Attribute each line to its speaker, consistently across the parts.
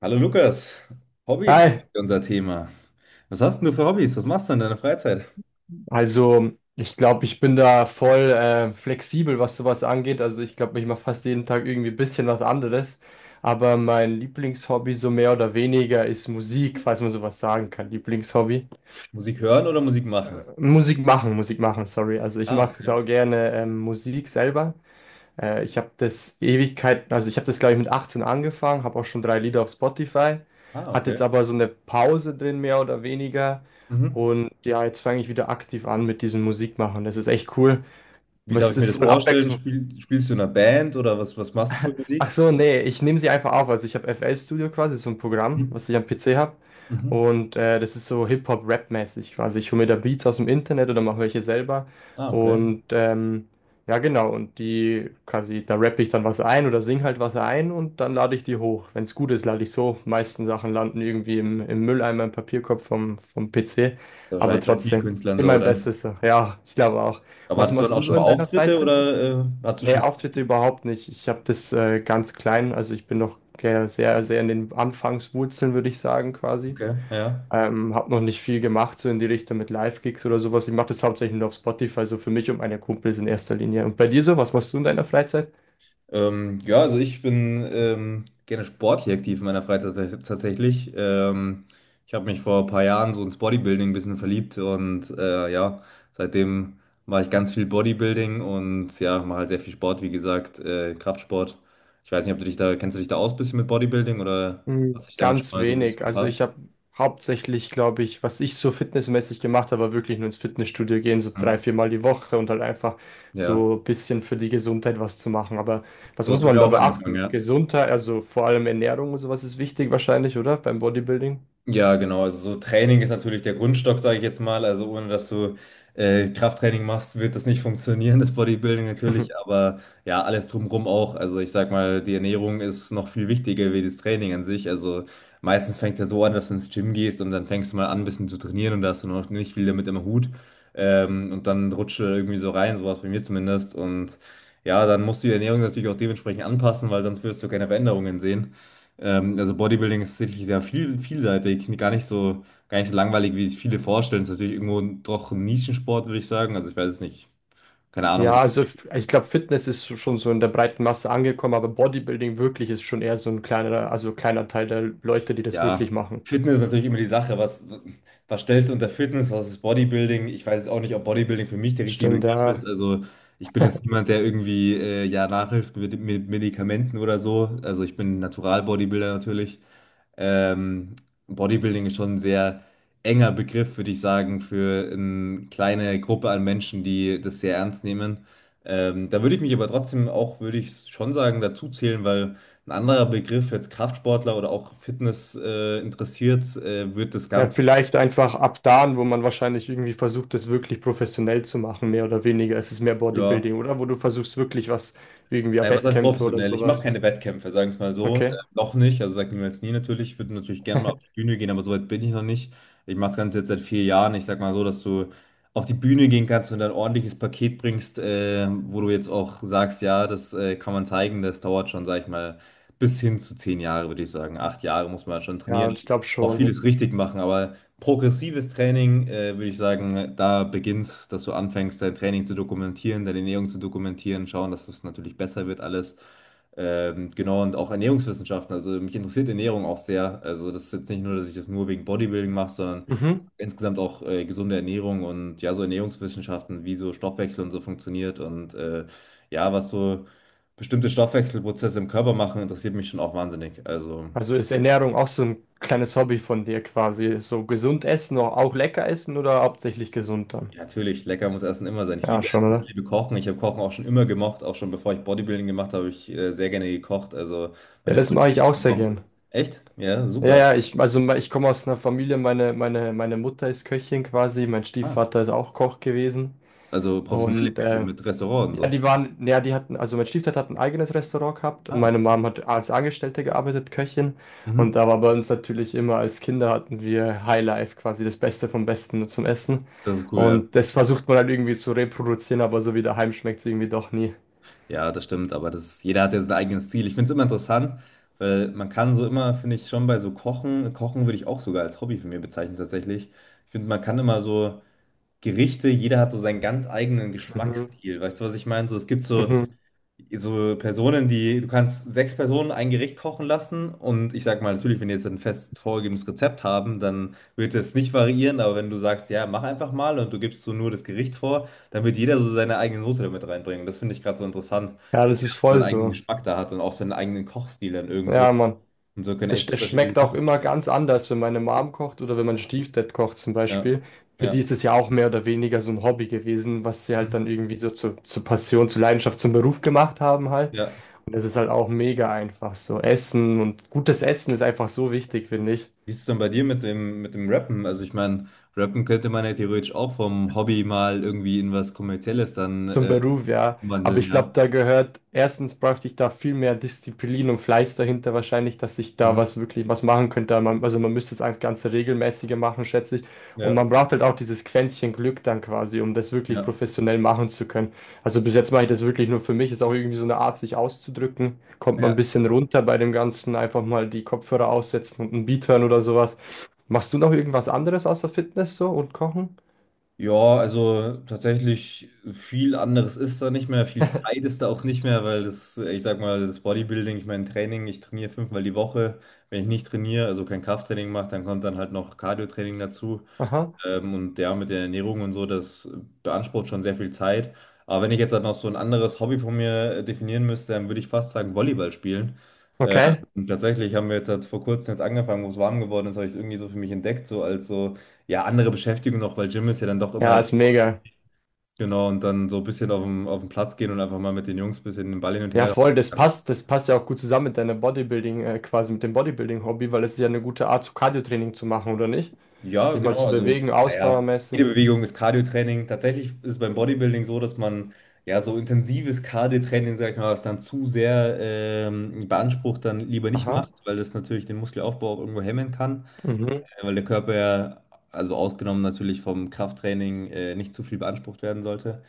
Speaker 1: Hallo Lukas, Hobbys sind
Speaker 2: Hi,
Speaker 1: unser Thema. Was hast denn du für Hobbys? Was machst du in deiner Freizeit?
Speaker 2: also ich glaube, ich bin da voll flexibel, was sowas angeht. Also ich glaube, ich mache fast jeden Tag irgendwie ein bisschen was anderes. Aber mein Lieblingshobby so mehr oder weniger ist Musik, falls man sowas sagen kann. Lieblingshobby.
Speaker 1: Musik hören oder Musik
Speaker 2: Äh,
Speaker 1: machen?
Speaker 2: Musik machen, sorry. Also ich
Speaker 1: Ah,
Speaker 2: mache
Speaker 1: okay.
Speaker 2: sau gerne Musik selber. Ich habe das Ewigkeiten, also ich habe das, glaube ich, mit 18 angefangen, habe auch schon drei Lieder auf Spotify,
Speaker 1: Ah,
Speaker 2: hat jetzt
Speaker 1: okay.
Speaker 2: aber so eine Pause drin, mehr oder weniger.
Speaker 1: Mhm.
Speaker 2: Und ja, jetzt fange ich wieder aktiv an mit diesem Musikmachen. Das ist echt cool.
Speaker 1: Wie darf
Speaker 2: Es
Speaker 1: ich mir
Speaker 2: ist
Speaker 1: das
Speaker 2: voll
Speaker 1: vorstellen?
Speaker 2: abwechslung.
Speaker 1: Spielst du in einer Band oder was, was machst du für
Speaker 2: Ach
Speaker 1: Musik?
Speaker 2: so, nee, ich nehme sie einfach auf. Also ich habe FL Studio quasi, so ein Programm,
Speaker 1: Mhm.
Speaker 2: was ich am PC habe.
Speaker 1: Mhm.
Speaker 2: Und das ist so Hip-Hop-Rap-mäßig quasi. Ich hole mir da Beats aus dem Internet oder mache welche selber.
Speaker 1: Ah, okay. Ist
Speaker 2: Und ja, genau. Und die quasi, da rappe ich dann was ein oder sing halt was ein und dann lade ich die hoch. Wenn es gut ist, lade ich so. Meisten Sachen landen irgendwie im Mülleimer, im Papierkorb vom PC.
Speaker 1: ja
Speaker 2: Aber
Speaker 1: wahrscheinlich bei vielen
Speaker 2: trotzdem,
Speaker 1: Künstlern so,
Speaker 2: immer mein
Speaker 1: oder?
Speaker 2: Bestes so. Ja, ich glaube auch.
Speaker 1: Aber
Speaker 2: Was
Speaker 1: hattest du dann
Speaker 2: machst
Speaker 1: auch
Speaker 2: du
Speaker 1: schon
Speaker 2: so
Speaker 1: mal
Speaker 2: in deiner
Speaker 1: Auftritte
Speaker 2: Freizeit?
Speaker 1: oder hattest du
Speaker 2: Nee,
Speaker 1: schon mal
Speaker 2: Auftritte
Speaker 1: Auftritte?
Speaker 2: überhaupt nicht. Ich habe das ganz klein, also ich bin noch sehr, sehr in den Anfangswurzeln, würde ich sagen, quasi.
Speaker 1: Okay, ja.
Speaker 2: Habe noch nicht viel gemacht, so in die Richtung mit Live-Gigs oder sowas. Ich mache das hauptsächlich nur auf Spotify, so für mich und meine Kumpels in erster Linie. Und bei dir so, was machst du in deiner Freizeit?
Speaker 1: Ja, also ich bin gerne sportlich aktiv in meiner Freizeit tatsächlich. Ich habe mich vor ein paar Jahren so ins Bodybuilding ein bisschen verliebt und ja, seitdem mache ich ganz viel Bodybuilding und ja, mache halt sehr viel Sport, wie gesagt, Kraftsport. Ich weiß nicht, ob du dich da, kennst du dich da aus ein bisschen mit Bodybuilding oder hast
Speaker 2: Hm,
Speaker 1: dich damit schon
Speaker 2: ganz
Speaker 1: mal so ein bisschen
Speaker 2: wenig. Also
Speaker 1: befasst?
Speaker 2: ich habe hauptsächlich, glaube ich, was ich so fitnessmäßig gemacht habe, war wirklich nur ins Fitnessstudio gehen, so
Speaker 1: Hm?
Speaker 2: drei, viermal die Woche und halt einfach
Speaker 1: Ja,
Speaker 2: so ein bisschen für die Gesundheit was zu machen. Aber was
Speaker 1: so hat
Speaker 2: muss
Speaker 1: es bei
Speaker 2: man
Speaker 1: mir
Speaker 2: da
Speaker 1: auch angefangen,
Speaker 2: beachten?
Speaker 1: ja.
Speaker 2: Gesundheit, also vor allem Ernährung und sowas ist wichtig wahrscheinlich, oder? Beim Bodybuilding?
Speaker 1: Ja, genau. Also so Training ist natürlich der Grundstock, sage ich jetzt mal. Also ohne dass du Krafttraining machst, wird das nicht funktionieren, das Bodybuilding natürlich. Aber ja, alles drumherum auch. Also ich sag mal, die Ernährung ist noch viel wichtiger wie das Training an sich. Also meistens fängt ja so an, dass du ins Gym gehst und dann fängst du mal an, ein bisschen zu trainieren und da hast du noch nicht viel damit im Hut. Und dann rutscht du irgendwie so rein, sowas bei mir zumindest. Und ja, dann musst du die Ernährung natürlich auch dementsprechend anpassen, weil sonst wirst du keine Veränderungen sehen. Also Bodybuilding ist tatsächlich sehr viel, vielseitig, gar nicht so langweilig, wie sich viele vorstellen. Ist natürlich irgendwo doch ein Nischensport, würde ich sagen. Also ich weiß es nicht. Keine Ahnung,
Speaker 2: Ja,
Speaker 1: so,
Speaker 2: also ich glaube, Fitness ist schon so in der breiten Masse angekommen, aber Bodybuilding wirklich ist schon eher so ein kleiner, also kleiner Teil der Leute, die das wirklich
Speaker 1: ja.
Speaker 2: machen.
Speaker 1: Fitness ist natürlich immer die Sache. Was, was stellst du unter Fitness? Was ist Bodybuilding? Ich weiß jetzt auch nicht, ob Bodybuilding für mich der richtige
Speaker 2: Stimmt, ja.
Speaker 1: Begriff ist. Also ich bin jetzt niemand, der irgendwie ja nachhilft mit Medikamenten oder so. Also ich bin Natural-Bodybuilder natürlich. Ähm, Bodybuilding ist schon ein sehr enger Begriff, würde ich sagen, für eine kleine Gruppe an Menschen, die das sehr ernst nehmen. Da würde ich mich aber trotzdem auch, würde ich schon sagen, dazu zählen, weil ein anderer Begriff, jetzt Kraftsportler oder auch Fitness, interessiert, wird das
Speaker 2: Ja,
Speaker 1: Ganze,
Speaker 2: vielleicht einfach ab da, wo man wahrscheinlich irgendwie versucht, das wirklich professionell zu machen, mehr oder weniger. Es ist mehr
Speaker 1: ja.
Speaker 2: Bodybuilding, oder? Wo du versuchst wirklich was, irgendwie ja,
Speaker 1: Naja, was heißt
Speaker 2: Wettkämpfe oder
Speaker 1: professionell? Ich mache
Speaker 2: sowas.
Speaker 1: keine Wettkämpfe, sagen wir es mal so.
Speaker 2: Okay.
Speaker 1: Noch nicht, also sagt niemals nie natürlich. Ich würde natürlich gerne mal auf die Bühne gehen, aber so weit bin ich noch nicht. Ich mache das Ganze jetzt seit 4 Jahren. Ich sag mal so, dass du auf die Bühne gehen kannst und ein ordentliches Paket bringst, wo du jetzt auch sagst, ja, das kann man zeigen. Das dauert schon, sag ich mal, bis hin zu 10 Jahre, würde ich sagen. 8 Jahre muss man schon
Speaker 2: Ja,
Speaker 1: trainieren,
Speaker 2: ich glaube
Speaker 1: auch
Speaker 2: schon.
Speaker 1: vieles richtig machen. Aber progressives Training, würde ich sagen, da beginnst, dass du anfängst, dein Training zu dokumentieren, deine Ernährung zu dokumentieren, schauen, dass es natürlich besser wird alles. Genau, und auch Ernährungswissenschaften. Also mich interessiert Ernährung auch sehr. Also das ist jetzt nicht nur, dass ich das nur wegen Bodybuilding mache, sondern
Speaker 2: Mhm.
Speaker 1: insgesamt auch gesunde Ernährung und ja, so Ernährungswissenschaften, wie so Stoffwechsel und so funktioniert und ja, was so bestimmte Stoffwechselprozesse im Körper machen, interessiert mich schon auch wahnsinnig. Also
Speaker 2: Also ist Ernährung auch so ein kleines Hobby von dir quasi. So gesund essen, auch auch lecker essen oder hauptsächlich gesund dann?
Speaker 1: ja, natürlich, lecker muss Essen immer sein. Ich
Speaker 2: Ja,
Speaker 1: liebe
Speaker 2: schon,
Speaker 1: Essen, ich
Speaker 2: oder?
Speaker 1: liebe Kochen. Ich habe Kochen auch schon immer gemocht, auch schon bevor ich Bodybuilding gemacht habe, habe ich sehr gerne gekocht. Also
Speaker 2: Ja,
Speaker 1: meine
Speaker 2: das
Speaker 1: Freundin
Speaker 2: mache
Speaker 1: und
Speaker 2: ich
Speaker 1: ich
Speaker 2: auch sehr gern.
Speaker 1: gekocht. Echt? Ja,
Speaker 2: Ja,
Speaker 1: super.
Speaker 2: ja, ich, also ich komme aus einer Familie, meine Mutter ist Köchin quasi, mein
Speaker 1: Ah.
Speaker 2: Stiefvater ist auch Koch gewesen.
Speaker 1: Also professionelle
Speaker 2: Und
Speaker 1: Köche mit Restaurant und
Speaker 2: ja,
Speaker 1: so.
Speaker 2: die waren, ja, die hatten, also mein Stiefvater hat ein eigenes Restaurant gehabt und
Speaker 1: Ah,
Speaker 2: meine
Speaker 1: okay.
Speaker 2: Mom hat als Angestellte gearbeitet, Köchin. Und
Speaker 1: Mhm.
Speaker 2: da war bei uns natürlich immer als Kinder hatten wir Highlife, quasi das Beste vom Besten zum Essen.
Speaker 1: Das ist cool, ja.
Speaker 2: Und das versucht man halt irgendwie zu reproduzieren, aber so wie daheim schmeckt es irgendwie doch nie.
Speaker 1: Ja, das stimmt, aber das ist, jeder hat ja sein eigenes Ziel. Ich finde es immer interessant, weil man kann so immer, finde ich, schon bei so Kochen, Kochen würde ich auch sogar als Hobby für mich bezeichnen tatsächlich. Ich finde, man kann immer so Gerichte, jeder hat so seinen ganz eigenen
Speaker 2: Mhm.
Speaker 1: Geschmacksstil. Weißt du, was ich meine? So, es gibt so
Speaker 2: Mhm.
Speaker 1: Personen, die, du kannst sechs Personen ein Gericht kochen lassen und ich sag mal, natürlich, wenn die jetzt ein fest vorgegebenes Rezept haben, dann wird es nicht variieren, aber wenn du sagst, ja, mach einfach mal und du gibst so nur das Gericht vor, dann wird jeder so seine eigene Note damit reinbringen. Das finde ich gerade so interessant,
Speaker 2: Ja, das ist
Speaker 1: seinen
Speaker 2: voll
Speaker 1: eigenen
Speaker 2: so.
Speaker 1: Geschmack da hat und auch seinen eigenen Kochstil dann irgendwo.
Speaker 2: Ja, Mann.
Speaker 1: Und so können
Speaker 2: Das,
Speaker 1: echt
Speaker 2: das
Speaker 1: unterschiedliche
Speaker 2: schmeckt
Speaker 1: Sachen
Speaker 2: auch immer
Speaker 1: entstehen.
Speaker 2: ganz anders, wenn meine Mom kocht oder wenn mein Stiefdad kocht zum
Speaker 1: Ja,
Speaker 2: Beispiel. Für die
Speaker 1: ja.
Speaker 2: ist es ja auch mehr oder weniger so ein Hobby gewesen, was sie halt dann
Speaker 1: Mhm.
Speaker 2: irgendwie so zur Passion, zur Leidenschaft, zum Beruf gemacht haben halt.
Speaker 1: Ja.
Speaker 2: Und das ist halt auch mega einfach so. Essen und gutes Essen ist einfach so wichtig, finde ich.
Speaker 1: Wie ist es denn bei dir mit dem Rappen? Also ich meine, Rappen könnte man ja theoretisch auch vom Hobby mal irgendwie in was Kommerzielles dann
Speaker 2: Zum Beruf, ja. Aber
Speaker 1: umwandeln,
Speaker 2: ich glaube,
Speaker 1: ja.
Speaker 2: da gehört, erstens bräuchte ich da viel mehr Disziplin und Fleiß dahinter wahrscheinlich, dass ich da
Speaker 1: Mhm.
Speaker 2: was wirklich was machen könnte. Man, also man müsste es einfach ganze regelmäßiger machen, schätze ich. Und
Speaker 1: Ja.
Speaker 2: man braucht halt auch dieses Quäntchen Glück dann quasi, um das wirklich
Speaker 1: Ja,
Speaker 2: professionell machen zu können. Also bis jetzt mache ich das wirklich nur für mich. Ist auch irgendwie so eine Art, sich auszudrücken. Kommt man ein
Speaker 1: ja.
Speaker 2: bisschen runter bei dem Ganzen, einfach mal die Kopfhörer aussetzen und ein Beat hören oder sowas. Machst du noch irgendwas anderes außer Fitness so und Kochen?
Speaker 1: Ja, also tatsächlich viel anderes ist da nicht mehr, viel Zeit ist da auch nicht mehr, weil das, ich sag mal, das Bodybuilding, ich mein Training, ich trainiere fünfmal die Woche. Wenn ich nicht trainiere, also kein Krafttraining mache, dann kommt dann halt noch Cardio-Training dazu.
Speaker 2: Aha.
Speaker 1: Und ja, mit der Ernährung und so, das beansprucht schon sehr viel Zeit. Aber wenn ich jetzt halt noch so ein anderes Hobby von mir definieren müsste, dann würde ich fast sagen Volleyball spielen. Ähm,
Speaker 2: Okay.
Speaker 1: Tatsächlich haben wir jetzt halt vor kurzem jetzt angefangen, wo es warm geworden ist, habe ich es irgendwie so für mich entdeckt, so als so, ja, andere Beschäftigung noch, weil Gym ist ja dann doch immer,
Speaker 2: Ja, ist mega.
Speaker 1: genau, und dann so ein bisschen auf dem, auf den Platz gehen und einfach mal mit den Jungs ein bisschen den Ball hin und
Speaker 2: Ja,
Speaker 1: her.
Speaker 2: voll, das passt. Das passt ja auch gut zusammen mit deiner Bodybuilding, quasi mit dem Bodybuilding-Hobby, weil es ist ja eine gute Art, so Cardio-Training zu machen, oder nicht?
Speaker 1: Ja,
Speaker 2: Sich mal
Speaker 1: genau.
Speaker 2: zu
Speaker 1: Also,
Speaker 2: bewegen,
Speaker 1: naja, jede
Speaker 2: ausdauermäßig.
Speaker 1: Bewegung ist Cardiotraining. Tatsächlich ist es beim Bodybuilding so, dass man ja so intensives Cardiotraining, sag ich mal, was dann zu sehr beansprucht, dann lieber nicht
Speaker 2: Aha.
Speaker 1: macht, weil das natürlich den Muskelaufbau auch irgendwo hemmen kann,
Speaker 2: Mhm.
Speaker 1: weil der Körper ja, also ausgenommen natürlich vom Krafttraining, nicht zu viel beansprucht werden sollte,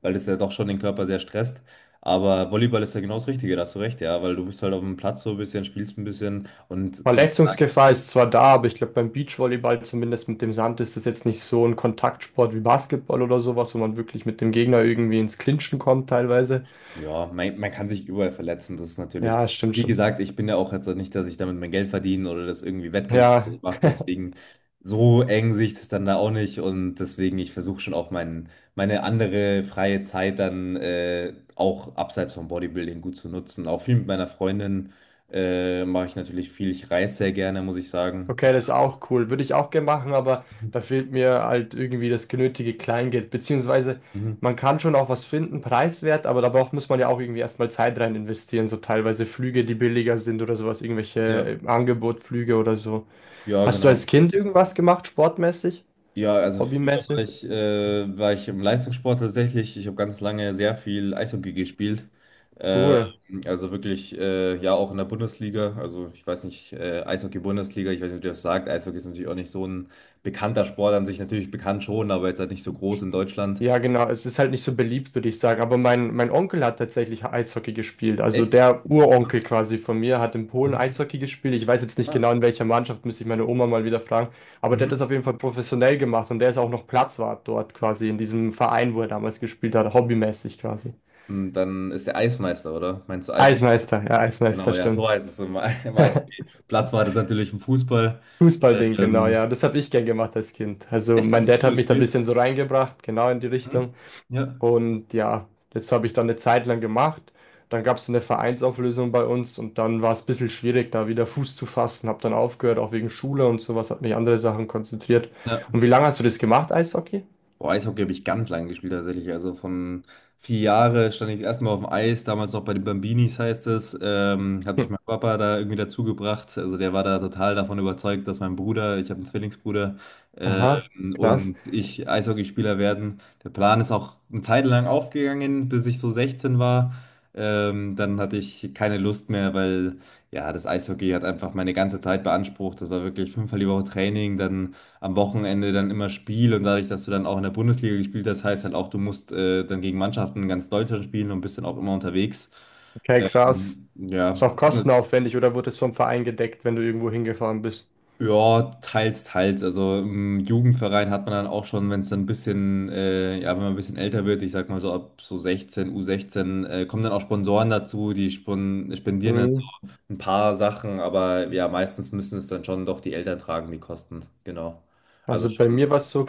Speaker 1: weil das ja doch schon den Körper sehr stresst. Aber Volleyball ist ja genau das Richtige, da hast du recht, ja, weil du bist halt auf dem Platz so ein bisschen, spielst ein bisschen und wie
Speaker 2: Verletzungsgefahr ist zwar da, aber ich glaube, beim Beachvolleyball, zumindest mit dem Sand, ist das jetzt nicht so ein Kontaktsport wie Basketball oder sowas, wo man wirklich mit dem Gegner irgendwie ins Clinchen kommt, teilweise.
Speaker 1: ja, man kann sich überall verletzen, das ist natürlich.
Speaker 2: Ja, stimmt
Speaker 1: Wie
Speaker 2: schon.
Speaker 1: gesagt, ich bin ja auch jetzt nicht, dass ich damit mein Geld verdiene oder das irgendwie Wettkämpfe oder so
Speaker 2: Ja,
Speaker 1: mache, deswegen so eng sehe ich das dann da auch nicht und deswegen ich versuche schon auch mein, meine andere freie Zeit dann auch abseits vom Bodybuilding gut zu nutzen. Auch viel mit meiner Freundin mache ich natürlich viel. Ich reise sehr gerne, muss ich sagen.
Speaker 2: okay, das ist auch cool. Würde ich auch gerne machen, aber da fehlt mir halt irgendwie das genötige Kleingeld. Beziehungsweise
Speaker 1: Mhm.
Speaker 2: man kann schon auch was finden, preiswert, aber da muss man ja auch irgendwie erstmal Zeit rein investieren. So teilweise Flüge, die billiger sind oder sowas,
Speaker 1: Ja,
Speaker 2: irgendwelche Angebotflüge oder so.
Speaker 1: ja,
Speaker 2: Hast du
Speaker 1: genau.
Speaker 2: als Kind irgendwas gemacht, sportmäßig,
Speaker 1: Ja, also früher
Speaker 2: hobbymäßig?
Speaker 1: war ich im Leistungssport tatsächlich. Ich habe ganz lange sehr viel Eishockey gespielt. Äh,
Speaker 2: Cool.
Speaker 1: also wirklich, ja, auch in der Bundesliga. Also ich weiß nicht, Eishockey-Bundesliga, ich weiß nicht, ob ihr das sagt. Eishockey ist natürlich auch nicht so ein bekannter Sport an sich, natürlich bekannt schon, aber jetzt halt nicht so groß in Deutschland.
Speaker 2: Ja, genau. Es ist halt nicht so beliebt, würde ich sagen. Aber
Speaker 1: Ja.
Speaker 2: mein Onkel hat tatsächlich Eishockey gespielt. Also
Speaker 1: Echt?
Speaker 2: der Uronkel quasi von mir hat in Polen
Speaker 1: Mhm.
Speaker 2: Eishockey gespielt. Ich weiß jetzt nicht
Speaker 1: Ah,
Speaker 2: genau, in welcher Mannschaft, müsste ich meine Oma mal wieder fragen. Aber der hat
Speaker 1: mhm.
Speaker 2: das auf jeden Fall professionell gemacht und der ist auch noch Platzwart dort quasi, in diesem Verein, wo er damals gespielt hat, hobbymäßig quasi.
Speaker 1: Und dann ist der Eismeister, oder? Meinst du Eismeister?
Speaker 2: Eismeister, ja, Eismeister,
Speaker 1: Genau, ja,
Speaker 2: stimmt.
Speaker 1: so heißt es im, im Eishockey. Platz war das natürlich im Fußball.
Speaker 2: Fußballding, genau, ja.
Speaker 1: Ähm,
Speaker 2: Das habe ich gern gemacht als Kind. Also
Speaker 1: Echt, hast
Speaker 2: mein
Speaker 1: du
Speaker 2: Dad hat
Speaker 1: Fußball
Speaker 2: mich da ein
Speaker 1: gespielt?
Speaker 2: bisschen so reingebracht, genau in die
Speaker 1: Mhm.
Speaker 2: Richtung.
Speaker 1: Ja,
Speaker 2: Und ja, das habe ich dann eine Zeit lang gemacht. Dann gab es eine Vereinsauflösung bei uns und dann war es ein bisschen schwierig, da wieder Fuß zu fassen. Habe dann aufgehört, auch wegen Schule und sowas, habe mich andere Sachen konzentriert.
Speaker 1: ja.
Speaker 2: Und wie lange hast du das gemacht, Eishockey?
Speaker 1: Boah, Eishockey habe ich ganz lange gespielt tatsächlich. Also von 4 Jahre stand ich das erste Mal auf dem Eis, damals noch bei den Bambinis heißt es. Habe
Speaker 2: Hm.
Speaker 1: ich meinen Papa da irgendwie dazu gebracht. Also der war da total davon überzeugt, dass mein Bruder, ich habe einen Zwillingsbruder,
Speaker 2: Aha, krass.
Speaker 1: und ich Eishockeyspieler werden. Der Plan ist auch eine Zeit lang aufgegangen, bis ich so 16 war. Dann hatte ich keine Lust mehr, weil ja, das Eishockey hat einfach meine ganze Zeit beansprucht. Das war wirklich fünfmal die Woche Training, dann am Wochenende dann immer Spiel und dadurch, dass du dann auch in der Bundesliga gespielt hast, heißt halt auch, du musst dann gegen Mannschaften in ganz Deutschland spielen und bist dann auch immer unterwegs.
Speaker 2: Okay, krass. Ist
Speaker 1: Ja,
Speaker 2: auch kostenaufwendig oder wurde es vom Verein gedeckt, wenn du irgendwo hingefahren bist?
Speaker 1: ja, teils, teils. Also im Jugendverein hat man dann auch schon, wenn es dann ein bisschen, ja, wenn man ein bisschen älter wird, ich sag mal so ab so 16, U16, kommen dann auch Sponsoren dazu, die spon spendieren dann
Speaker 2: Hm.
Speaker 1: so ein paar Sachen, aber ja, meistens müssen es dann schon doch die Eltern tragen, die Kosten. Genau. Also
Speaker 2: Also bei
Speaker 1: schon
Speaker 2: mir war es so,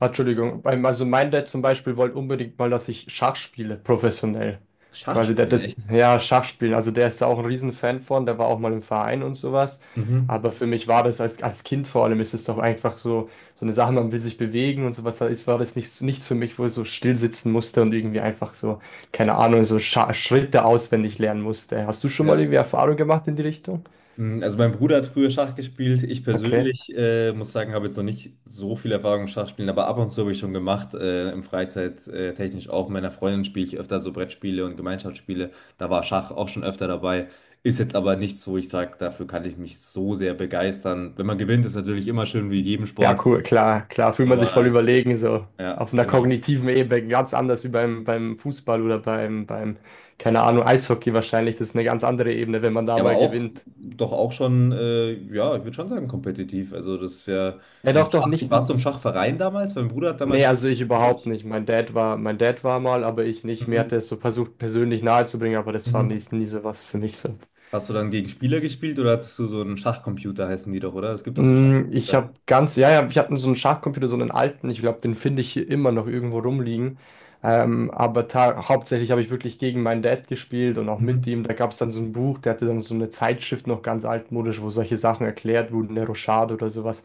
Speaker 2: ah, Entschuldigung, also mein Dad zum Beispiel wollte unbedingt mal, dass ich Schach spiele, professionell. Quasi, der hat
Speaker 1: Schachspielen,
Speaker 2: das,
Speaker 1: echt?
Speaker 2: ja, Schach spielen, also der ist da auch ein Riesenfan von, der war auch mal im Verein und sowas.
Speaker 1: Mhm.
Speaker 2: Aber für mich war das als, als Kind vor allem, ist es doch einfach so, so eine Sache, man will sich bewegen und sowas, da ist, war das nichts, nichts für mich, wo ich so still sitzen musste und irgendwie einfach so, keine Ahnung, so Scha Schritte auswendig lernen musste. Hast du schon mal
Speaker 1: Ja.
Speaker 2: irgendwie Erfahrung gemacht in die Richtung?
Speaker 1: Mm, also mein Bruder hat früher Schach gespielt. Ich
Speaker 2: Okay.
Speaker 1: persönlich muss sagen, habe jetzt noch nicht so viel Erfahrung im Schachspielen, aber ab und zu habe ich schon gemacht, im Freizeit technisch auch. Mit meiner Freundin spiele ich öfter so Brettspiele und Gemeinschaftsspiele. Da war Schach auch schon öfter dabei. Ist jetzt aber nichts, wo ich sage, dafür kann ich mich so sehr begeistern. Wenn man gewinnt, ist natürlich immer schön wie in jedem
Speaker 2: Ja,
Speaker 1: Sport.
Speaker 2: cool, klar, klar, fühlt man sich voll
Speaker 1: Aber
Speaker 2: überlegen, so
Speaker 1: ja,
Speaker 2: auf einer
Speaker 1: genau.
Speaker 2: kognitiven Ebene, ganz anders wie beim Fußball oder keine Ahnung, Eishockey wahrscheinlich. Das ist eine ganz andere Ebene, wenn man da
Speaker 1: Ja, aber
Speaker 2: mal
Speaker 1: auch,
Speaker 2: gewinnt.
Speaker 1: doch auch schon, ja, ich würde schon sagen, kompetitiv. Also das ist ja
Speaker 2: Ja,
Speaker 1: im
Speaker 2: doch, doch,
Speaker 1: Schach. Ich
Speaker 2: nicht.
Speaker 1: war so im Schachverein damals, mein Bruder hat damals
Speaker 2: Nee,
Speaker 1: Schach,
Speaker 2: also ich überhaupt nicht. Mein Dad war mal, aber ich nicht. Mir
Speaker 1: mhm.
Speaker 2: hat er es so versucht, persönlich nahezubringen, aber das war nie,
Speaker 1: Mhm.
Speaker 2: nie so was für mich so.
Speaker 1: Hast du dann gegen Spieler gespielt oder hattest du so einen Schachcomputer, heißen die doch, oder? Es gibt auch so
Speaker 2: Mm, ich
Speaker 1: Schachcomputer.
Speaker 2: habe ganz, ja, ja, ich hatte so einen Schachcomputer, so einen alten. Ich glaube, den finde ich hier immer noch irgendwo rumliegen. Aber hauptsächlich habe ich wirklich gegen meinen Dad gespielt und auch mit
Speaker 1: Mhm.
Speaker 2: ihm. Da gab es dann so ein Buch, der hatte dann so eine Zeitschrift noch ganz altmodisch, wo solche Sachen erklärt wurden, der Rochade oder sowas.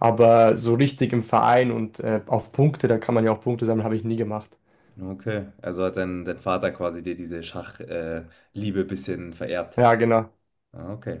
Speaker 2: Aber so richtig im Verein und auf Punkte, da kann man ja auch Punkte sammeln, habe ich nie gemacht.
Speaker 1: Okay, also hat dein, dein Vater quasi dir diese Schachliebe Liebe bisschen vererbt.
Speaker 2: Ja, genau.
Speaker 1: Ah, okay.